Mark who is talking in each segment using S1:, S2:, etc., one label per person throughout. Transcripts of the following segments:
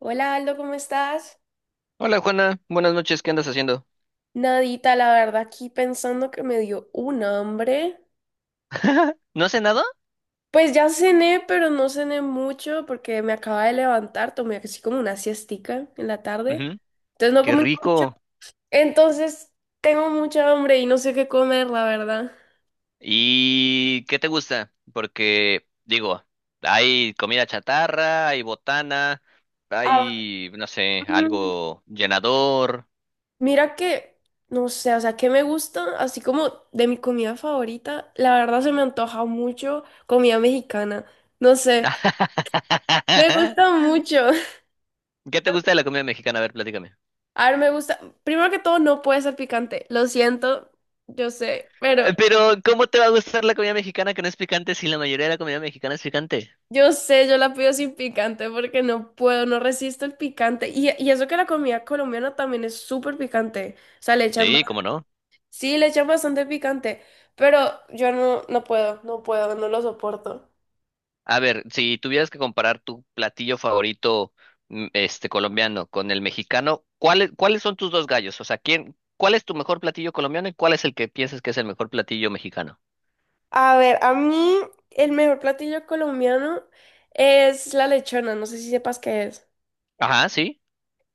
S1: Hola Aldo, ¿cómo estás?
S2: Hola Juana, buenas noches, ¿qué andas haciendo?
S1: Nadita, la verdad, aquí pensando que me dio un hambre.
S2: ¿No has cenado?
S1: Pues ya cené, pero no cené mucho porque me acaba de levantar, tomé así como una siestica en la tarde.
S2: Ujú.
S1: Entonces no
S2: Qué
S1: comí mucho.
S2: rico.
S1: Entonces tengo mucha hambre y no sé qué comer, la verdad.
S2: ¿Y qué te gusta? Porque, digo, hay comida chatarra, hay botana,
S1: Ah,
S2: hay, no sé,
S1: mm,
S2: algo llenador.
S1: mira que, no sé, o sea, que me gusta, así como de mi comida favorita, la verdad se me antoja mucho comida mexicana. No sé, me gusta mucho.
S2: ¿Qué te gusta de la comida mexicana? A ver, platícame.
S1: A ver, me gusta. Primero que todo, no puede ser picante. Lo siento, yo sé, pero
S2: Pero, ¿cómo te va a gustar la comida mexicana que no es picante si la mayoría de la comida mexicana es picante?
S1: yo sé, yo la pido sin picante porque no puedo, no resisto el picante. Y eso que la comida colombiana también es súper picante. O sea, le echan,
S2: Sí, ¿cómo no?
S1: sí, le echan bastante picante, pero yo no, no puedo, no puedo, no lo soporto.
S2: A ver, si tuvieras que comparar tu platillo favorito, este, colombiano con el mexicano, ¿cuáles son tus dos gallos? O sea, ¿quién, cuál es tu mejor platillo colombiano y cuál es el que piensas que es el mejor platillo mexicano?
S1: A ver, a mí el mejor platillo colombiano es la lechona. No sé si sepas qué es.
S2: Ajá, sí.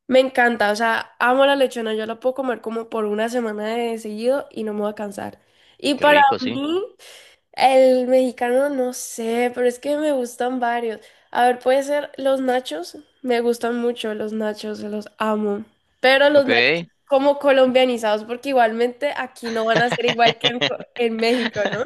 S1: Me encanta, o sea, amo la lechona, yo la puedo comer como por una semana de seguido y no me voy a cansar. Y
S2: Qué
S1: para
S2: rico, sí.
S1: mí, el mexicano no sé, pero es que me gustan varios. A ver, puede ser los nachos, me gustan mucho los nachos, los amo. Pero los nachos
S2: Ok.
S1: como colombianizados, porque igualmente aquí no van a ser igual que en, en México, ¿no?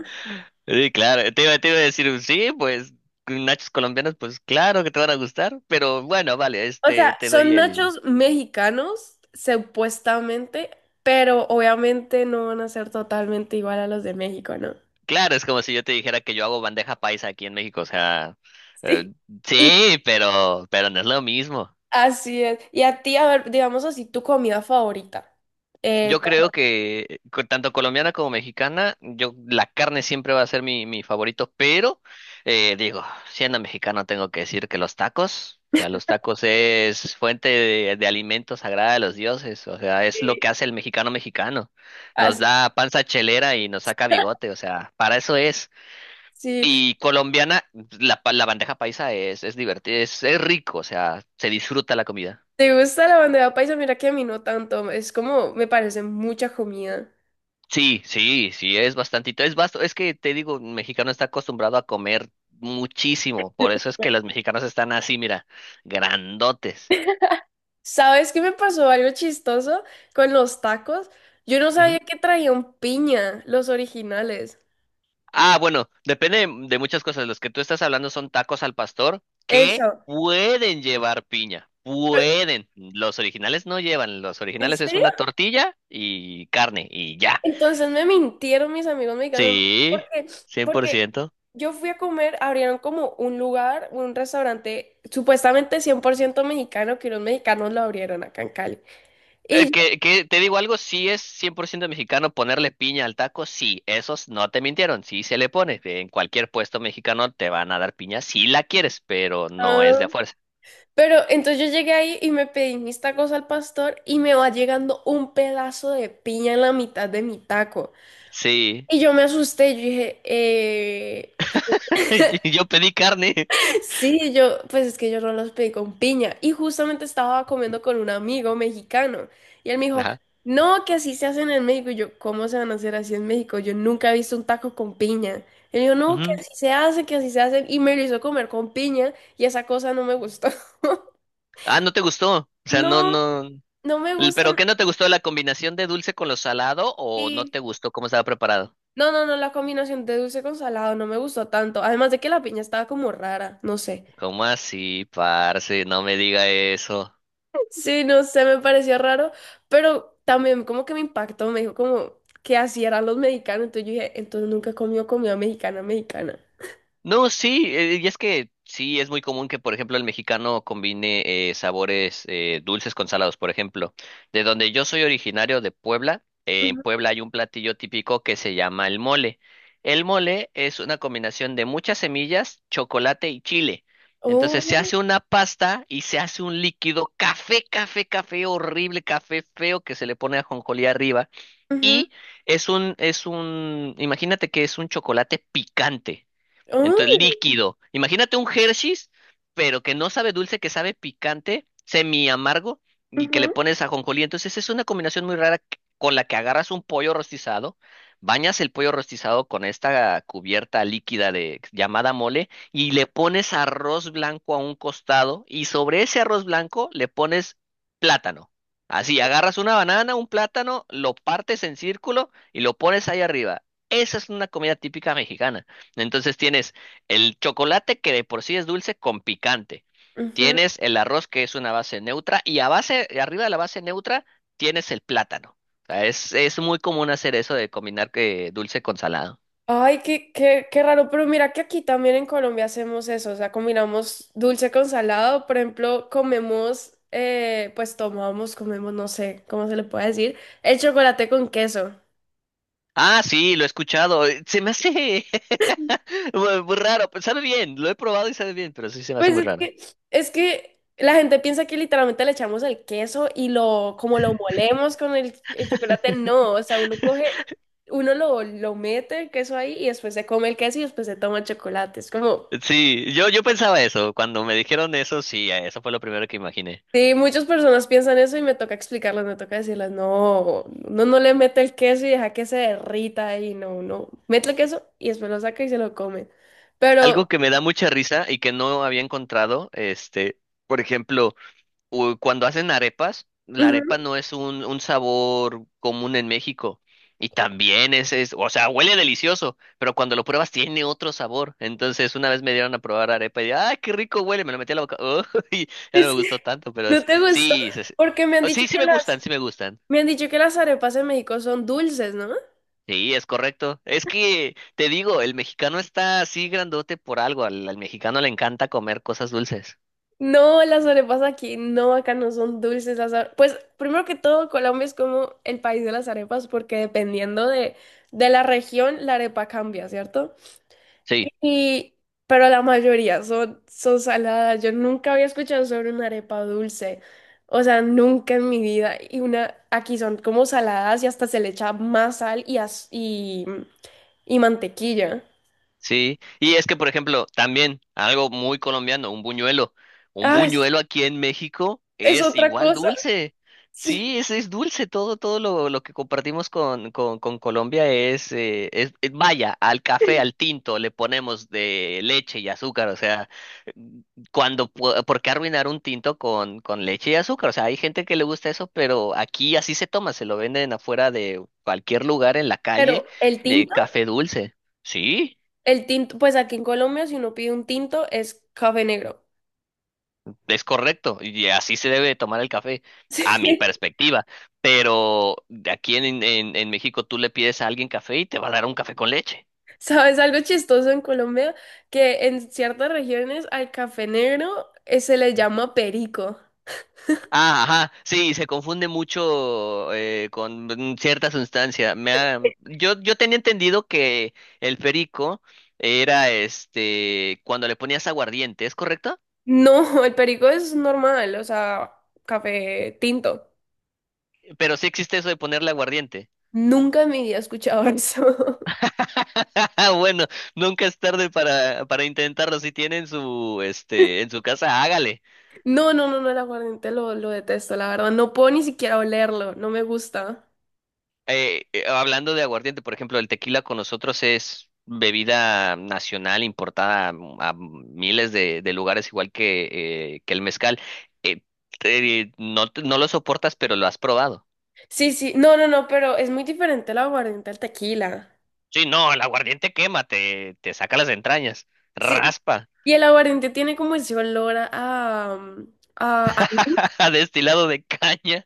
S2: Sí, claro, te iba a decir, sí, pues nachos colombianos, pues claro que te van a gustar, pero bueno, vale,
S1: O
S2: este,
S1: sea,
S2: te doy
S1: son
S2: el...
S1: nachos mexicanos, supuestamente, pero obviamente no van a ser totalmente igual a los de México, ¿no?
S2: Claro, es como si yo te dijera que yo hago bandeja paisa aquí en México, o sea, eh,
S1: Sí. Y
S2: sí, pero no es lo mismo.
S1: así es. Y a ti, a ver, digamos así, tu comida favorita. Eh,
S2: Yo creo que tanto colombiana como mexicana, yo la carne siempre va a ser mi, mi favorito, pero digo, siendo mexicano tengo que decir que los tacos, o sea, los tacos es fuente de alimento sagrada de los dioses, o sea, es lo que
S1: Sí.
S2: hace el mexicano mexicano. Nos
S1: Así,
S2: da panza chelera y nos saca bigote, o sea, para eso es.
S1: si
S2: Y colombiana, la, la bandeja paisa es divertida, es rico, o sea, se disfruta la comida.
S1: te gusta la bandeja paisa, mira que a mí no tanto. Es como, me parece mucha comida.
S2: Sí, sí, sí, es bastantito. Es vasto, es que te digo, un mexicano está acostumbrado a comer muchísimo, por eso es que
S1: Bueno,
S2: los mexicanos están así, mira, grandotes.
S1: ¿sabes qué me pasó algo chistoso con los tacos? Yo no
S2: Ujú.
S1: sabía que traían piña, los originales.
S2: Ah, bueno, depende de muchas cosas. Los que tú estás hablando son tacos al pastor que
S1: Eso.
S2: pueden llevar piña, pueden. Los originales no llevan, los
S1: ¿En
S2: originales es
S1: serio?
S2: una tortilla y carne y ya.
S1: Entonces me mintieron mis amigos mexicanos
S2: Sí,
S1: porque, porque
S2: 100%.
S1: yo fui a comer, abrieron como un lugar, un restaurante supuestamente 100% mexicano, que unos mexicanos lo abrieron acá en Cali. Y yo,
S2: Que te digo algo, sí es 100% mexicano ponerle piña al taco, sí, esos no te mintieron, sí se le pone. En cualquier puesto mexicano te van a dar piña si la quieres, pero no es
S1: ah,
S2: de a fuerza.
S1: pero entonces yo llegué ahí y me pedí mis tacos al pastor y me va llegando un pedazo de piña en la mitad de mi taco.
S2: Sí,
S1: Y yo me asusté, yo dije,
S2: yo pedí carne.
S1: sí, yo, pues es que yo no los pedí con piña. Y justamente estaba comiendo con un amigo mexicano. Y él me dijo,
S2: Ajá.
S1: no, que así se hacen en México. Y yo, ¿cómo se van a hacer así en México? Yo nunca he visto un taco con piña. Él dijo, no, que
S2: Ujú.
S1: así se hace, que así se hacen. Y me lo hizo comer con piña. Y esa cosa no me gustó.
S2: Ah, ¿no te gustó? O sea, no,
S1: No,
S2: no.
S1: no me
S2: L- ¿Pero
S1: gustan.
S2: qué no te gustó? ¿La combinación de dulce con lo salado o no
S1: Sí.
S2: te gustó cómo estaba preparado?
S1: No, no, no, la combinación de dulce con salado no me gustó tanto. Además de que la piña estaba como rara, no sé.
S2: ¿Cómo así, parce? No me diga eso.
S1: Sí, no sé, me pareció raro, pero también como que me impactó, me dijo como que así eran los mexicanos, entonces yo dije, entonces nunca comió comida mexicana, mexicana.
S2: No, sí, y es que sí, es muy común que, por ejemplo, el mexicano combine sabores dulces con salados. Por ejemplo, de donde yo soy originario de Puebla, en
S1: Ujú.
S2: Puebla hay un platillo típico que se llama el mole. El mole es una combinación de muchas semillas, chocolate y chile. Entonces se
S1: Oh,
S2: hace una pasta y se hace un líquido café, café, café, horrible, café feo que se le pone ajonjolí arriba.
S1: ujú,
S2: Y es un, imagínate que es un chocolate picante. Entonces,
S1: oh,
S2: líquido. Imagínate un Hershey's, pero que no sabe dulce, que sabe picante, semi amargo, y que le
S1: ujú,
S2: pones ajonjolí. Entonces, es una combinación muy rara que... con la que agarras un pollo rostizado, bañas el pollo rostizado con esta cubierta líquida de llamada mole y le pones arroz blanco a un costado y sobre ese arroz blanco le pones plátano. Así, agarras una banana, un plátano, lo partes en círculo y lo pones ahí arriba. Esa es una comida típica mexicana. Entonces tienes el chocolate que de por sí es dulce con picante.
S1: ujú.
S2: Tienes el arroz que es una base neutra y a base, arriba de la base neutra tienes el plátano. O sea, es muy común hacer eso de combinar que dulce con salado.
S1: Ay, qué, qué, qué raro, pero mira que aquí también en Colombia hacemos eso, o sea, combinamos dulce con salado, por ejemplo, comemos, pues tomamos, comemos, no sé cómo se le puede decir, el chocolate con queso.
S2: Ah, sí, lo he escuchado. Se me hace muy muy raro. Sabe bien, lo he probado y sabe bien, pero sí se me hace
S1: Pues
S2: muy raro.
S1: es que la gente piensa que literalmente le echamos el queso y lo, como lo molemos con el chocolate, no, o sea, uno coge, uno lo mete el queso ahí y después se come el queso y después se toma el chocolate. Es como,
S2: Sí, yo pensaba eso. Cuando me dijeron eso, sí, eso fue lo primero que imaginé.
S1: sí, muchas personas piensan eso y me toca explicarles, me toca decirles, no, no no le mete el queso y deja que se derrita ahí, no, no, mete el queso y después lo saca y se lo come. Pero,
S2: Algo que me da mucha risa y que no había encontrado, este, por ejemplo. Cuando hacen arepas, la arepa
S1: ujú,
S2: no es un sabor común en México. Y también es, o sea, huele delicioso, pero cuando lo pruebas tiene otro sabor. Entonces, una vez me dieron a probar arepa y dije, ¡ay, qué rico huele! Me lo metí a la boca. ¡Oh! Y ya no me
S1: es-
S2: gustó tanto, pero
S1: no te gustó,
S2: sí,
S1: porque me han
S2: oh,
S1: dicho
S2: sí, sí
S1: que
S2: me
S1: la
S2: gustan, sí me gustan.
S1: me han dicho que las arepas en México son dulces, ¿no?
S2: Sí, es correcto. Es que, te digo, el mexicano está así grandote por algo. Al, al mexicano le encanta comer cosas dulces.
S1: No, las arepas aquí, no, acá no son dulces las arepas. Pues primero que todo, Colombia es como el país de las arepas porque dependiendo de la región, la arepa cambia, ¿cierto?
S2: Sí.
S1: Y, pero la mayoría son, son saladas. Yo nunca había escuchado sobre una arepa dulce. O sea, nunca en mi vida. Y una, aquí son como saladas y hasta se le echa más sal y, y mantequilla.
S2: Sí, y es que, por ejemplo, también algo muy colombiano, un buñuelo. Un
S1: Ah,
S2: buñuelo aquí en México
S1: es
S2: es
S1: otra
S2: igual
S1: cosa.
S2: dulce.
S1: Sí.
S2: Sí, es dulce. Todo, todo lo que compartimos con Colombia es, vaya, al café, al tinto, le ponemos de leche y azúcar. O sea, cuando, ¿por qué arruinar un tinto con leche y azúcar? O sea, hay gente que le gusta eso, pero aquí así se toma, se lo venden afuera de cualquier lugar en la
S1: Pero
S2: calle, de café dulce. Sí.
S1: el tinto, pues aquí en Colombia, si uno pide un tinto, es café negro.
S2: Es correcto, y así se debe de tomar el café, a mi
S1: Sí.
S2: perspectiva. Pero de aquí en México tú le pides a alguien café y te va a dar un café con leche.
S1: ¿Sabes algo chistoso en Colombia? Que en ciertas regiones al café negro se le llama perico.
S2: Ah, ajá, sí, se confunde mucho con cierta sustancia. Yo, yo tenía entendido que el perico era este cuando le ponías aguardiente, ¿es correcto?
S1: No, el perico es normal, o sea, café tinto.
S2: Pero sí existe eso de ponerle aguardiente.
S1: Nunca en mi vida he escuchado eso.
S2: Bueno, nunca es tarde para intentarlo. Si tiene en su, este, en su casa, hágale.
S1: No, no, no, no, el aguardiente lo detesto, la verdad. No puedo ni siquiera olerlo, no me gusta.
S2: Hablando de aguardiente, por ejemplo, el tequila con nosotros es bebida nacional importada a miles de lugares, igual que el mezcal. Eh, no, no lo soportas, pero lo has probado.
S1: Sí, sí, no, no, no, pero es muy diferente el aguardiente al tequila.
S2: Sí, no, el aguardiente quema, te saca las entrañas,
S1: Sí.
S2: raspa,
S1: Y el aguardiente tiene como ese olor a, a- a-
S2: destilado de caña.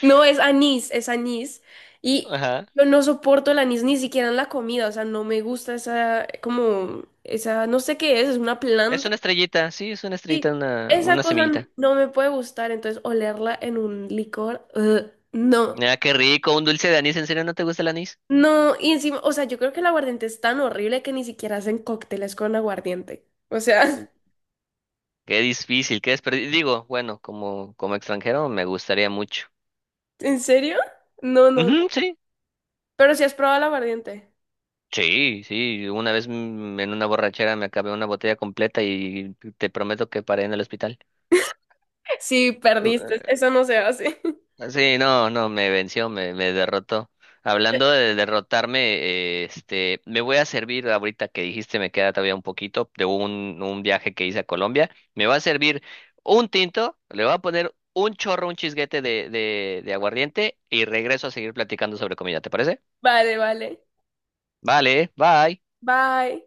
S1: no, es anís, es anís. Y
S2: Ajá.
S1: yo no soporto el anís ni siquiera en la comida, o sea, no me gusta esa, como, esa, no sé qué es una
S2: Es
S1: planta.
S2: una estrellita, sí, es una estrellita,
S1: Sí, esa
S2: una
S1: cosa
S2: semillita.
S1: no me puede gustar, entonces olerla en un licor, ugh, no.
S2: Ah, qué rico, un dulce de anís, ¿en serio no te gusta el anís?
S1: No, y encima, o sea, yo creo que el aguardiente es tan horrible que ni siquiera hacen cócteles con aguardiente. O sea,
S2: Qué difícil, qué desperdicio. Digo, bueno, como, como extranjero me gustaría mucho.
S1: ¿en serio? No, no,
S2: Ujú,
S1: no.
S2: sí,
S1: Pero si has probado el aguardiente.
S2: sí, sí. Una vez en una borrachera me acabé una botella completa y te prometo que paré en el hospital.
S1: Sí, perdiste. Eso no se hace.
S2: Sí, no, no, me venció, me derrotó. Hablando de derrotarme, este, me voy a servir ahorita que dijiste, me queda todavía un poquito de un viaje que hice a Colombia. Me va a servir un tinto, le voy a poner un chorro, un chisguete de aguardiente y regreso a seguir platicando sobre comida, ¿te parece?
S1: Vale, vale.
S2: Vale, bye.
S1: Bye.